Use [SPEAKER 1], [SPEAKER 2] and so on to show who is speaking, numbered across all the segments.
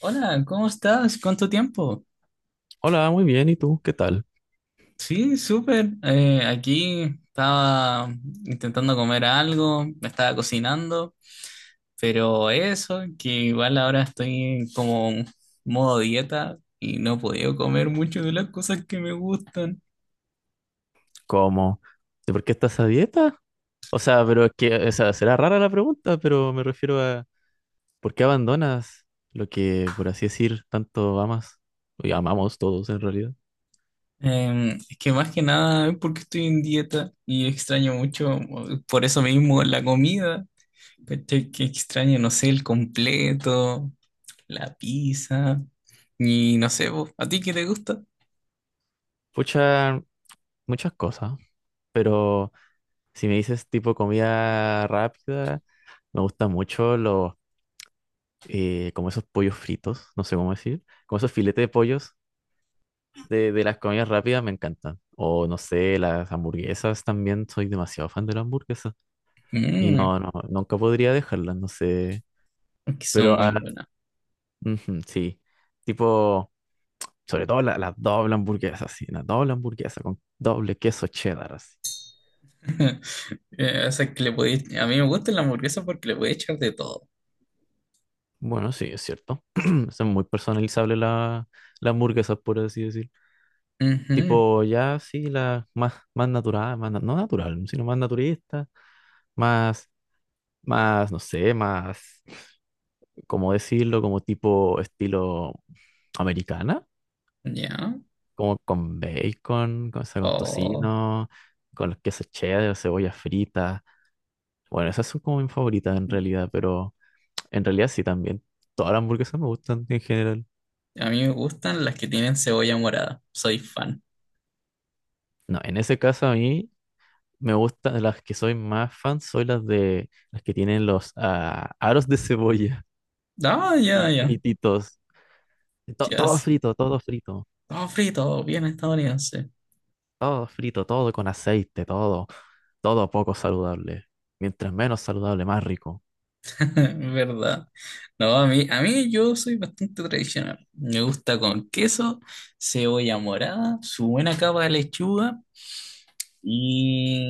[SPEAKER 1] Hola, ¿cómo estás? ¿Cuánto tiempo?
[SPEAKER 2] Hola, muy bien. ¿Y tú? ¿Qué tal?
[SPEAKER 1] Sí, súper. Aquí estaba intentando comer algo, me estaba cocinando, pero eso, que igual ahora estoy en como en modo dieta y no he podido comer mucho de las cosas que me gustan.
[SPEAKER 2] ¿Cómo? ¿De por qué estás a dieta? O sea, pero es que, o sea, será rara la pregunta, pero me refiero a ¿por qué abandonas lo que, por así decir, tanto amas? Y amamos todos en realidad.
[SPEAKER 1] Es que más que nada es porque estoy en dieta y extraño mucho, por eso mismo, la comida. ¿Cachai? Que extraño, no sé, el completo, la pizza. Y no sé, vos, ¿a ti qué te gusta?
[SPEAKER 2] Pucha, muchas cosas, pero si me dices tipo comida rápida, me gustan mucho como esos pollos fritos, no sé cómo decir, como esos filetes de pollos de las comidas rápidas me encantan. O no sé, las hamburguesas también, soy demasiado fan de las hamburguesas. Y
[SPEAKER 1] Mm,
[SPEAKER 2] no, no, nunca podría dejarlas, no sé.
[SPEAKER 1] es que son
[SPEAKER 2] Pero
[SPEAKER 1] muy buenas.
[SPEAKER 2] ujú, sí, tipo, sobre todo la doble hamburguesa sí, la doble hamburguesa con doble queso cheddar, así.
[SPEAKER 1] O sea, que a mí me gusta la hamburguesa porque le puede echar de todo.
[SPEAKER 2] Bueno, sí, es cierto. Son muy personalizables las hamburguesas, por así decir.
[SPEAKER 1] Ujú,
[SPEAKER 2] Tipo, ya sí, la más, más natural, más, no natural, sino más naturista, más, más, no sé, más. Como decirlo, como tipo estilo americana,
[SPEAKER 1] ya.
[SPEAKER 2] como con bacon, o sea, con
[SPEAKER 1] O
[SPEAKER 2] tocino, con los quesos cheddar, o cebolla frita. Bueno, esas son como mis favoritas en realidad, pero en realidad sí también. Todas las hamburguesas me gustan en general.
[SPEAKER 1] a mí me gustan las que tienen cebolla morada. Soy fan.
[SPEAKER 2] No, en ese caso a mí me gustan las que soy más fan, soy las de las que tienen los aros de cebolla
[SPEAKER 1] Ah, ya, ya.
[SPEAKER 2] frititos. To-
[SPEAKER 1] Ya,
[SPEAKER 2] todo
[SPEAKER 1] sí.
[SPEAKER 2] frito, todo frito.
[SPEAKER 1] Todo frito, bien estadounidense.
[SPEAKER 2] Todo frito, todo con aceite, todo poco saludable. Mientras menos saludable, más rico,
[SPEAKER 1] ¿Verdad? No, a mí yo soy bastante tradicional. Me gusta con queso, cebolla morada, su buena capa de lechuga y,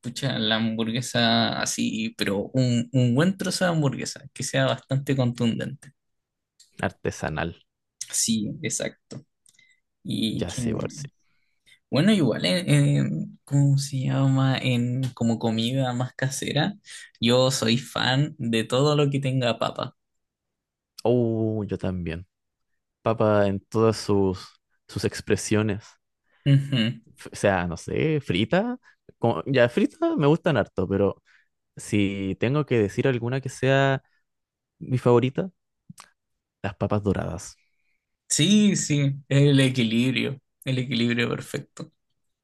[SPEAKER 1] pucha, la hamburguesa así, pero un buen trozo de hamburguesa, que sea bastante contundente.
[SPEAKER 2] artesanal.
[SPEAKER 1] Sí, exacto. Y
[SPEAKER 2] Ya
[SPEAKER 1] qué
[SPEAKER 2] sí,
[SPEAKER 1] más.
[SPEAKER 2] igual sí.
[SPEAKER 1] Bueno, igual ¿cómo se llama? En como comida más casera, yo soy fan de todo lo que tenga papa.
[SPEAKER 2] Oh, yo también. Papa en todas sus expresiones.
[SPEAKER 1] Ujú.
[SPEAKER 2] O sea, no sé, frita. Ya frita me gustan harto, pero si tengo que decir alguna que sea mi favorita, las papas doradas.
[SPEAKER 1] Sí, sí, el equilibrio perfecto.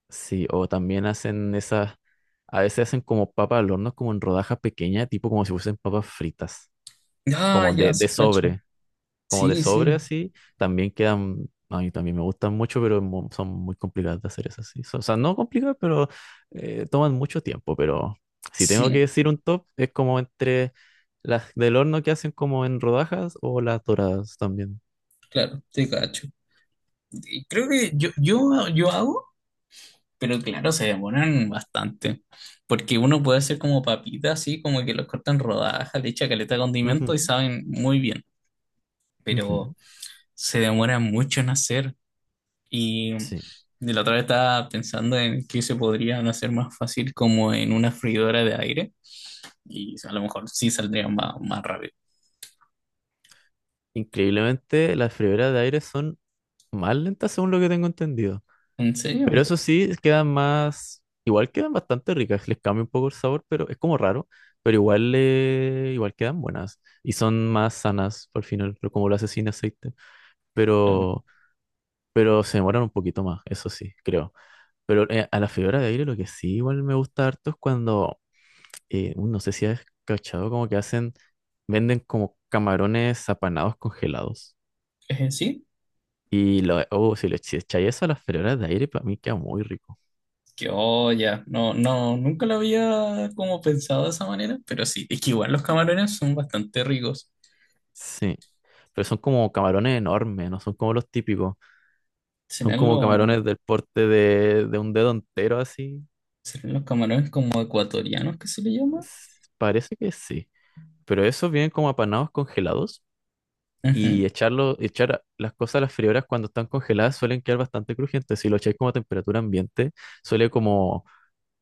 [SPEAKER 2] Sí, o también a veces hacen como papas al horno, como en rodajas pequeñas, tipo como si fuesen papas fritas.
[SPEAKER 1] Ah,
[SPEAKER 2] Como
[SPEAKER 1] ya,
[SPEAKER 2] de
[SPEAKER 1] sí, cacho.
[SPEAKER 2] sobre, como de
[SPEAKER 1] Sí,
[SPEAKER 2] sobre
[SPEAKER 1] sí,
[SPEAKER 2] así, también quedan, a mí también me gustan mucho, pero son muy complicadas de hacer esas así. O sea, no complicadas, pero toman mucho tiempo, pero si tengo que
[SPEAKER 1] sí,
[SPEAKER 2] decir un top, es como entre las del horno que hacen como en rodajas o las doradas también.
[SPEAKER 1] claro, te cacho. Y creo que yo hago, pero claro, se demoran bastante. Porque uno puede hacer como papitas, así como que los cortan rodajas, le echa caleta de
[SPEAKER 2] Ujú,
[SPEAKER 1] condimento y saben muy bien.
[SPEAKER 2] ujú,
[SPEAKER 1] Pero se demoran mucho en hacer. Y
[SPEAKER 2] sí.
[SPEAKER 1] de la otra vez estaba pensando en que se podrían hacer más fácil como en una freidora de aire. Y a lo mejor sí saldrían más rápido.
[SPEAKER 2] Increíblemente, las freidoras de aire son más lentas según lo que tengo entendido.
[SPEAKER 1] ¿En
[SPEAKER 2] Pero
[SPEAKER 1] serio?
[SPEAKER 2] eso sí, quedan más, igual quedan bastante ricas, les cambia un poco el sabor, pero es como raro, pero igual, igual quedan buenas y son más sanas al final, pero como lo hace sin aceite,
[SPEAKER 1] Claro.
[SPEAKER 2] pero, pero se demoran un poquito más, eso sí, creo. Pero a la fibra de aire lo que sí igual me gusta harto es cuando, no sé si has cachado, como que venden como camarones apanados congelados.
[SPEAKER 1] Sí.
[SPEAKER 2] Y lo, oh, si le si echáis eso a las fibras de aire, para mí queda muy rico.
[SPEAKER 1] Que, oh, ya, no, no, nunca lo había como pensado de esa manera, pero sí, es que igual los camarones son bastante ricos.
[SPEAKER 2] Sí, pero son como camarones enormes, no son como los típicos. Son
[SPEAKER 1] ¿Serán
[SPEAKER 2] como
[SPEAKER 1] los,
[SPEAKER 2] camarones del porte de un dedo entero así.
[SPEAKER 1] ¿serán los camarones como ecuatorianos que se le llama?
[SPEAKER 2] S- Parece que sí. Pero esos vienen como apanados congelados y
[SPEAKER 1] Ujú.
[SPEAKER 2] echar las cosas a las freidoras cuando están congeladas suelen quedar bastante crujientes. Si lo echáis como a temperatura ambiente, suele como,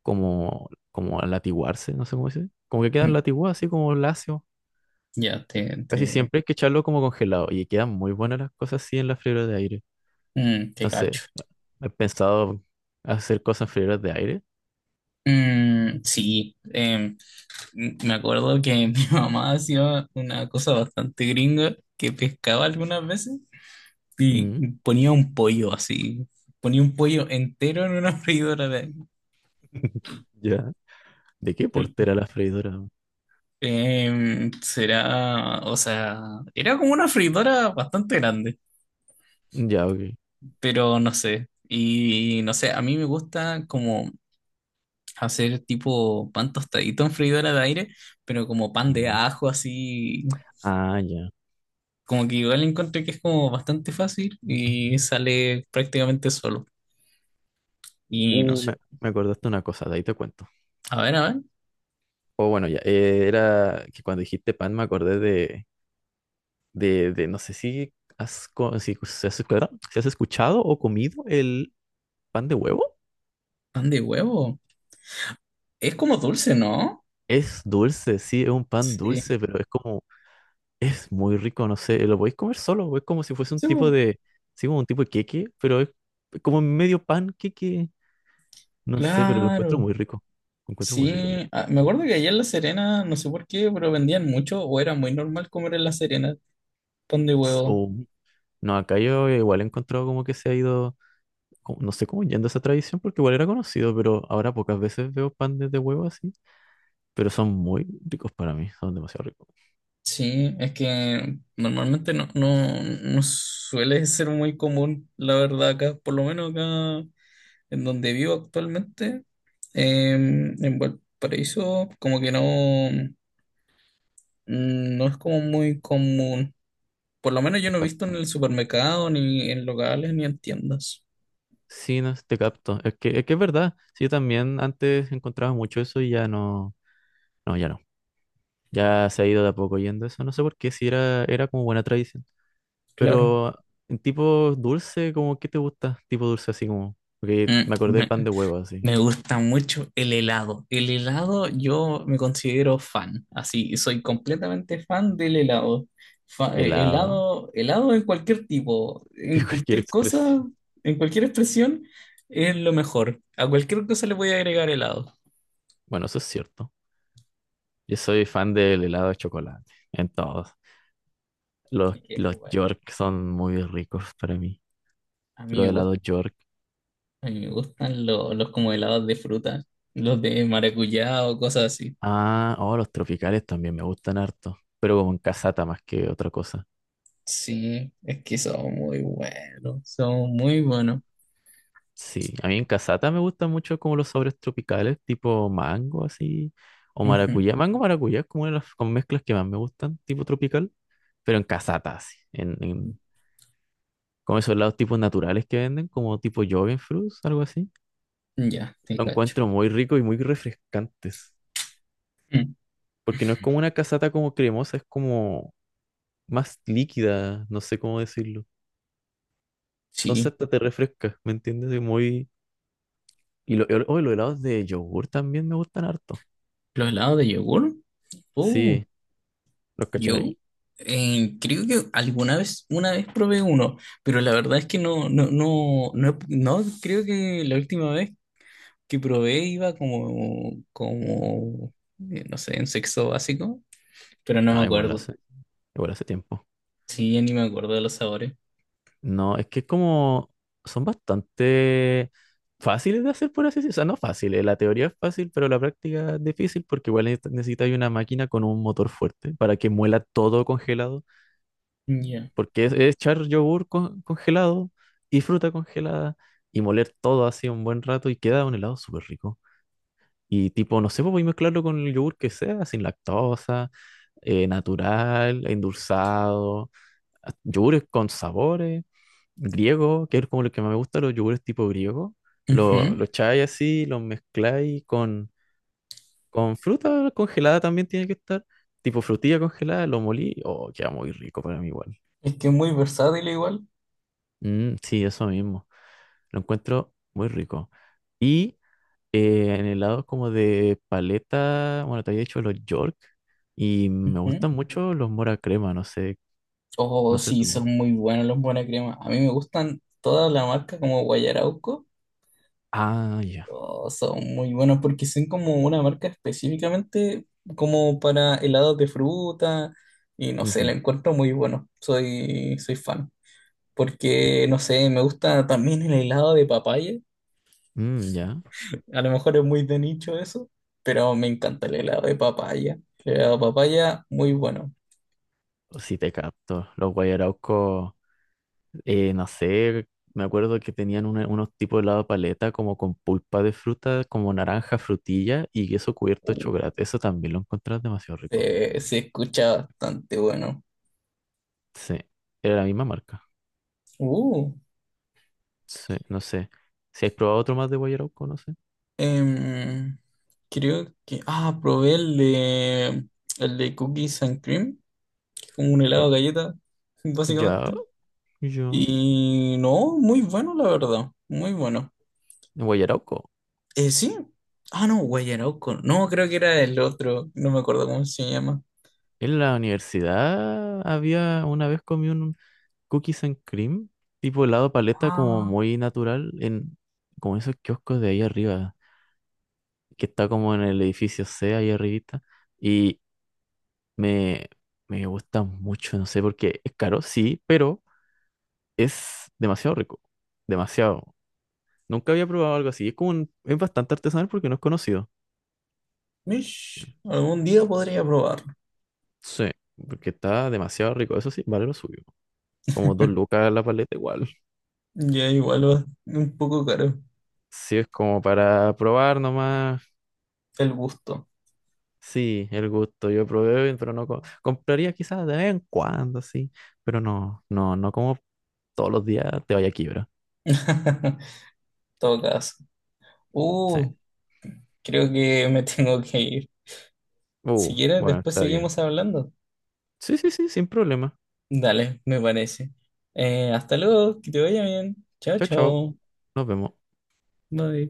[SPEAKER 2] latiguarse, no sé cómo se dice. Como que quedan
[SPEAKER 1] Mm,
[SPEAKER 2] latiguados así como lacio.
[SPEAKER 1] ya,
[SPEAKER 2] Casi siempre hay que echarlo como congelado y quedan muy buenas las cosas así en la freidora de aire.
[SPEAKER 1] mm, te
[SPEAKER 2] No sé,
[SPEAKER 1] cacho.
[SPEAKER 2] he pensado hacer cosas freidoras de aire.
[SPEAKER 1] Mm, sí, mm, me acuerdo que mi mamá hacía una cosa bastante gringa que pescaba algunas veces y
[SPEAKER 2] Mm.
[SPEAKER 1] ponía un pollo así, ponía un pollo entero en una
[SPEAKER 2] Ya. ¿De qué portera la freidora?
[SPEAKER 1] Será, o sea, era como una freidora bastante grande,
[SPEAKER 2] Ya, ok.
[SPEAKER 1] pero no sé. Y no sé, a mí me gusta como hacer tipo pan tostadito en freidora de aire, pero como pan de
[SPEAKER 2] Mm.
[SPEAKER 1] ajo así,
[SPEAKER 2] Ah, ya.
[SPEAKER 1] como que igual encontré que es como bastante fácil y sale prácticamente solo. Y no
[SPEAKER 2] Uh, me,
[SPEAKER 1] sé,
[SPEAKER 2] me acordaste una cosa, de ahí te cuento.
[SPEAKER 1] a ver,
[SPEAKER 2] O bueno, ya. Era que cuando dijiste pan me acordé de no sé si has, co- si, si has escuchado si has escuchado o comido el pan de huevo.
[SPEAKER 1] pan de huevo. Es como dulce, ¿no?
[SPEAKER 2] Es dulce, sí, es un pan
[SPEAKER 1] Sí,
[SPEAKER 2] dulce, pero es muy rico, no sé, lo podéis comer solo, es como si fuese un
[SPEAKER 1] sí,
[SPEAKER 2] tipo
[SPEAKER 1] po,
[SPEAKER 2] de, sí, como un tipo de queque, pero es como medio pan queque, no sé, pero lo encuentro
[SPEAKER 1] claro.
[SPEAKER 2] muy rico, lo encuentro muy
[SPEAKER 1] Sí,
[SPEAKER 2] rico yo.
[SPEAKER 1] ah, me acuerdo que allá en La Serena, no sé por qué, pero vendían mucho o era muy normal comer en La Serena pan de huevo.
[SPEAKER 2] O, no, acá yo igual he encontrado como que se ha ido, no sé cómo yendo esa tradición, porque igual era conocido, pero ahora pocas veces veo pan de huevo así, pero son muy ricos para mí, son demasiado ricos.
[SPEAKER 1] Sí, es que normalmente no suele ser muy común, la verdad, por lo menos acá en donde vivo actualmente, en Valparaíso, como que no, no es como muy común. Por lo menos yo
[SPEAKER 2] Te
[SPEAKER 1] no he visto en
[SPEAKER 2] capto.
[SPEAKER 1] el supermercado, ni en locales, ni en tiendas.
[SPEAKER 2] Sí, no, te capto, es que, es verdad, sí, yo también antes encontraba mucho eso y ya no, no, ya no. Ya se ha ido de a poco yendo eso, no sé por qué, si era como buena tradición.
[SPEAKER 1] Claro.
[SPEAKER 2] Pero en tipo dulce, ¿como qué te gusta? Tipo dulce así como, porque
[SPEAKER 1] Mm,
[SPEAKER 2] me acordé del
[SPEAKER 1] me-
[SPEAKER 2] pan de huevo así,
[SPEAKER 1] Me gusta mucho el helado. El helado yo me considero fan, así, soy completamente fan del helado.
[SPEAKER 2] helado,
[SPEAKER 1] Helado, helado en cualquier tipo,
[SPEAKER 2] que
[SPEAKER 1] en
[SPEAKER 2] cualquier
[SPEAKER 1] cualquier cosa,
[SPEAKER 2] expresión.
[SPEAKER 1] en cualquier expresión, es lo mejor. A cualquier cosa le voy a agregar helado.
[SPEAKER 2] Bueno, eso es cierto. Yo soy fan del helado de chocolate, en todos. Los,
[SPEAKER 1] Y que,
[SPEAKER 2] los
[SPEAKER 1] bueno,
[SPEAKER 2] York son muy ricos para mí.
[SPEAKER 1] a mí
[SPEAKER 2] Los
[SPEAKER 1] me gusta,
[SPEAKER 2] helados York.
[SPEAKER 1] a mí me gustan los como helados de fruta, los de maracuyá o cosas así.
[SPEAKER 2] Oh, los tropicales también me gustan harto, pero como en casata más que otra cosa.
[SPEAKER 1] Sí, es que son muy buenos, son muy buenos.
[SPEAKER 2] Sí, a mí en casata me gustan mucho como los sabores tropicales, tipo mango así, o
[SPEAKER 1] Ujú,
[SPEAKER 2] maracuyá. Mango maracuyá es como una de las como mezclas que más me gustan, tipo tropical, pero en casata así, como esos lados tipos naturales que venden, como tipo fruits, algo así.
[SPEAKER 1] ya, te
[SPEAKER 2] Lo
[SPEAKER 1] cacho.
[SPEAKER 2] encuentro muy rico y muy refrescantes,
[SPEAKER 1] Mm.
[SPEAKER 2] porque no es como una casata como cremosa, es como más líquida, no sé cómo decirlo. Entonces
[SPEAKER 1] Sí,
[SPEAKER 2] hasta te refresca, ¿me entiendes? Es muy. Y los helados de yogur también me gustan harto.
[SPEAKER 1] los helados de yogur. Oh,
[SPEAKER 2] Sí, ¿los
[SPEAKER 1] yo
[SPEAKER 2] cachai?
[SPEAKER 1] creo que alguna vez, una vez probé uno, pero la verdad es que no, no, creo que la última vez que probé iba como, como, no sé, en sexto básico, pero no me
[SPEAKER 2] Ah, igual
[SPEAKER 1] acuerdo.
[SPEAKER 2] igual hace tiempo.
[SPEAKER 1] Sí, ya ni me acuerdo de los sabores.
[SPEAKER 2] No, es que es como son bastante fáciles de hacer, por así decirlo. O sea, no fáciles, la teoría es fácil, pero la práctica es difícil porque igual necesitas una máquina con un motor fuerte para que muela todo congelado.
[SPEAKER 1] Ya.
[SPEAKER 2] Porque es echar yogur congelado y fruta congelada y moler todo así un buen rato y queda un helado súper rico. Y tipo, no sé, pues voy a mezclarlo con el yogur que sea, sin lactosa, natural, endulzado. Yogures con sabores, griegos, que es como lo que más me gusta, los yogures tipo griego. Lo,
[SPEAKER 1] Ujú.
[SPEAKER 2] lo echáis así, los mezcláis con fruta congelada también tiene que estar, tipo frutilla congelada, lo molí, queda muy rico para mí igual.
[SPEAKER 1] Es que es muy versátil igual.
[SPEAKER 2] Mm, sí, eso mismo, lo encuentro muy rico. Y en helado como de paleta, bueno, te había dicho los York, y me
[SPEAKER 1] Ujú.
[SPEAKER 2] gustan mucho los mora crema, no sé,
[SPEAKER 1] Oh,
[SPEAKER 2] no sé
[SPEAKER 1] sí,
[SPEAKER 2] tú.
[SPEAKER 1] son muy buenos los buena crema. A mí me gustan toda la marca como Guayarauco.
[SPEAKER 2] Ah, ya.
[SPEAKER 1] Oh, son muy buenos porque son como una marca específicamente como para helados de fruta y no sé, la
[SPEAKER 2] Ujú,
[SPEAKER 1] encuentro muy bueno. Soy, soy fan. Porque, no sé, me gusta también el helado de papaya.
[SPEAKER 2] mm, ya.
[SPEAKER 1] A lo mejor es muy de nicho eso, pero me encanta el helado de papaya. El helado de papaya, muy bueno.
[SPEAKER 2] Si te capto. Los guayaraucos, no sé, me acuerdo que tenían unos tipos de helado de paleta como con pulpa de fruta, como naranja, frutilla y queso cubierto de chocolate. Eso también lo encontrás demasiado rico.
[SPEAKER 1] Se escucha bastante bueno.
[SPEAKER 2] Sí, era la misma marca.
[SPEAKER 1] Uh,
[SPEAKER 2] Sí, no sé. Si has probado otro más de guayarauco, no sé.
[SPEAKER 1] em, creo que... Ah, probé el de cookies and cream, como un helado de
[SPEAKER 2] Oh,
[SPEAKER 1] galleta,
[SPEAKER 2] ya,
[SPEAKER 1] básicamente.
[SPEAKER 2] ya.
[SPEAKER 1] Y no, muy bueno, la verdad, muy bueno.
[SPEAKER 2] Guayarauco.
[SPEAKER 1] Sí. Ah, no, Guayarauco. No, creo que era el otro, no me acuerdo cómo se llama.
[SPEAKER 2] En la universidad había una vez comí un cookies and cream, tipo helado de paleta como
[SPEAKER 1] Ah,
[SPEAKER 2] muy natural en como esos kioscos de ahí arriba. Que está como en el edificio C ahí arribita y me, me gusta mucho, no sé por qué, es caro, sí, pero es demasiado rico, demasiado. Nunca había probado algo así, es como es bastante artesanal porque no es conocido.
[SPEAKER 1] mish, algún día podría probarlo.
[SPEAKER 2] Sí, porque está demasiado rico, eso sí, vale lo suyo. Como 2 lucas la paleta igual.
[SPEAKER 1] Ya igual va un poco caro
[SPEAKER 2] Sí, es como para probar nomás.
[SPEAKER 1] el gusto.
[SPEAKER 2] Sí, el gusto, yo probé, pero no compraría quizás de vez en cuando, sí, pero no, no, no como todos los días te vaya a quiebra.
[SPEAKER 1] En todo caso.
[SPEAKER 2] Sí.
[SPEAKER 1] Uh, creo que me tengo que ir. Si quieres,
[SPEAKER 2] Bueno,
[SPEAKER 1] después
[SPEAKER 2] está bien.
[SPEAKER 1] seguimos hablando.
[SPEAKER 2] Sí, sí, sí, sin problema.
[SPEAKER 1] Dale, me parece. Hasta luego, que te vaya bien. Chao,
[SPEAKER 2] Chao, chao.
[SPEAKER 1] chao.
[SPEAKER 2] Nos vemos.
[SPEAKER 1] Bye.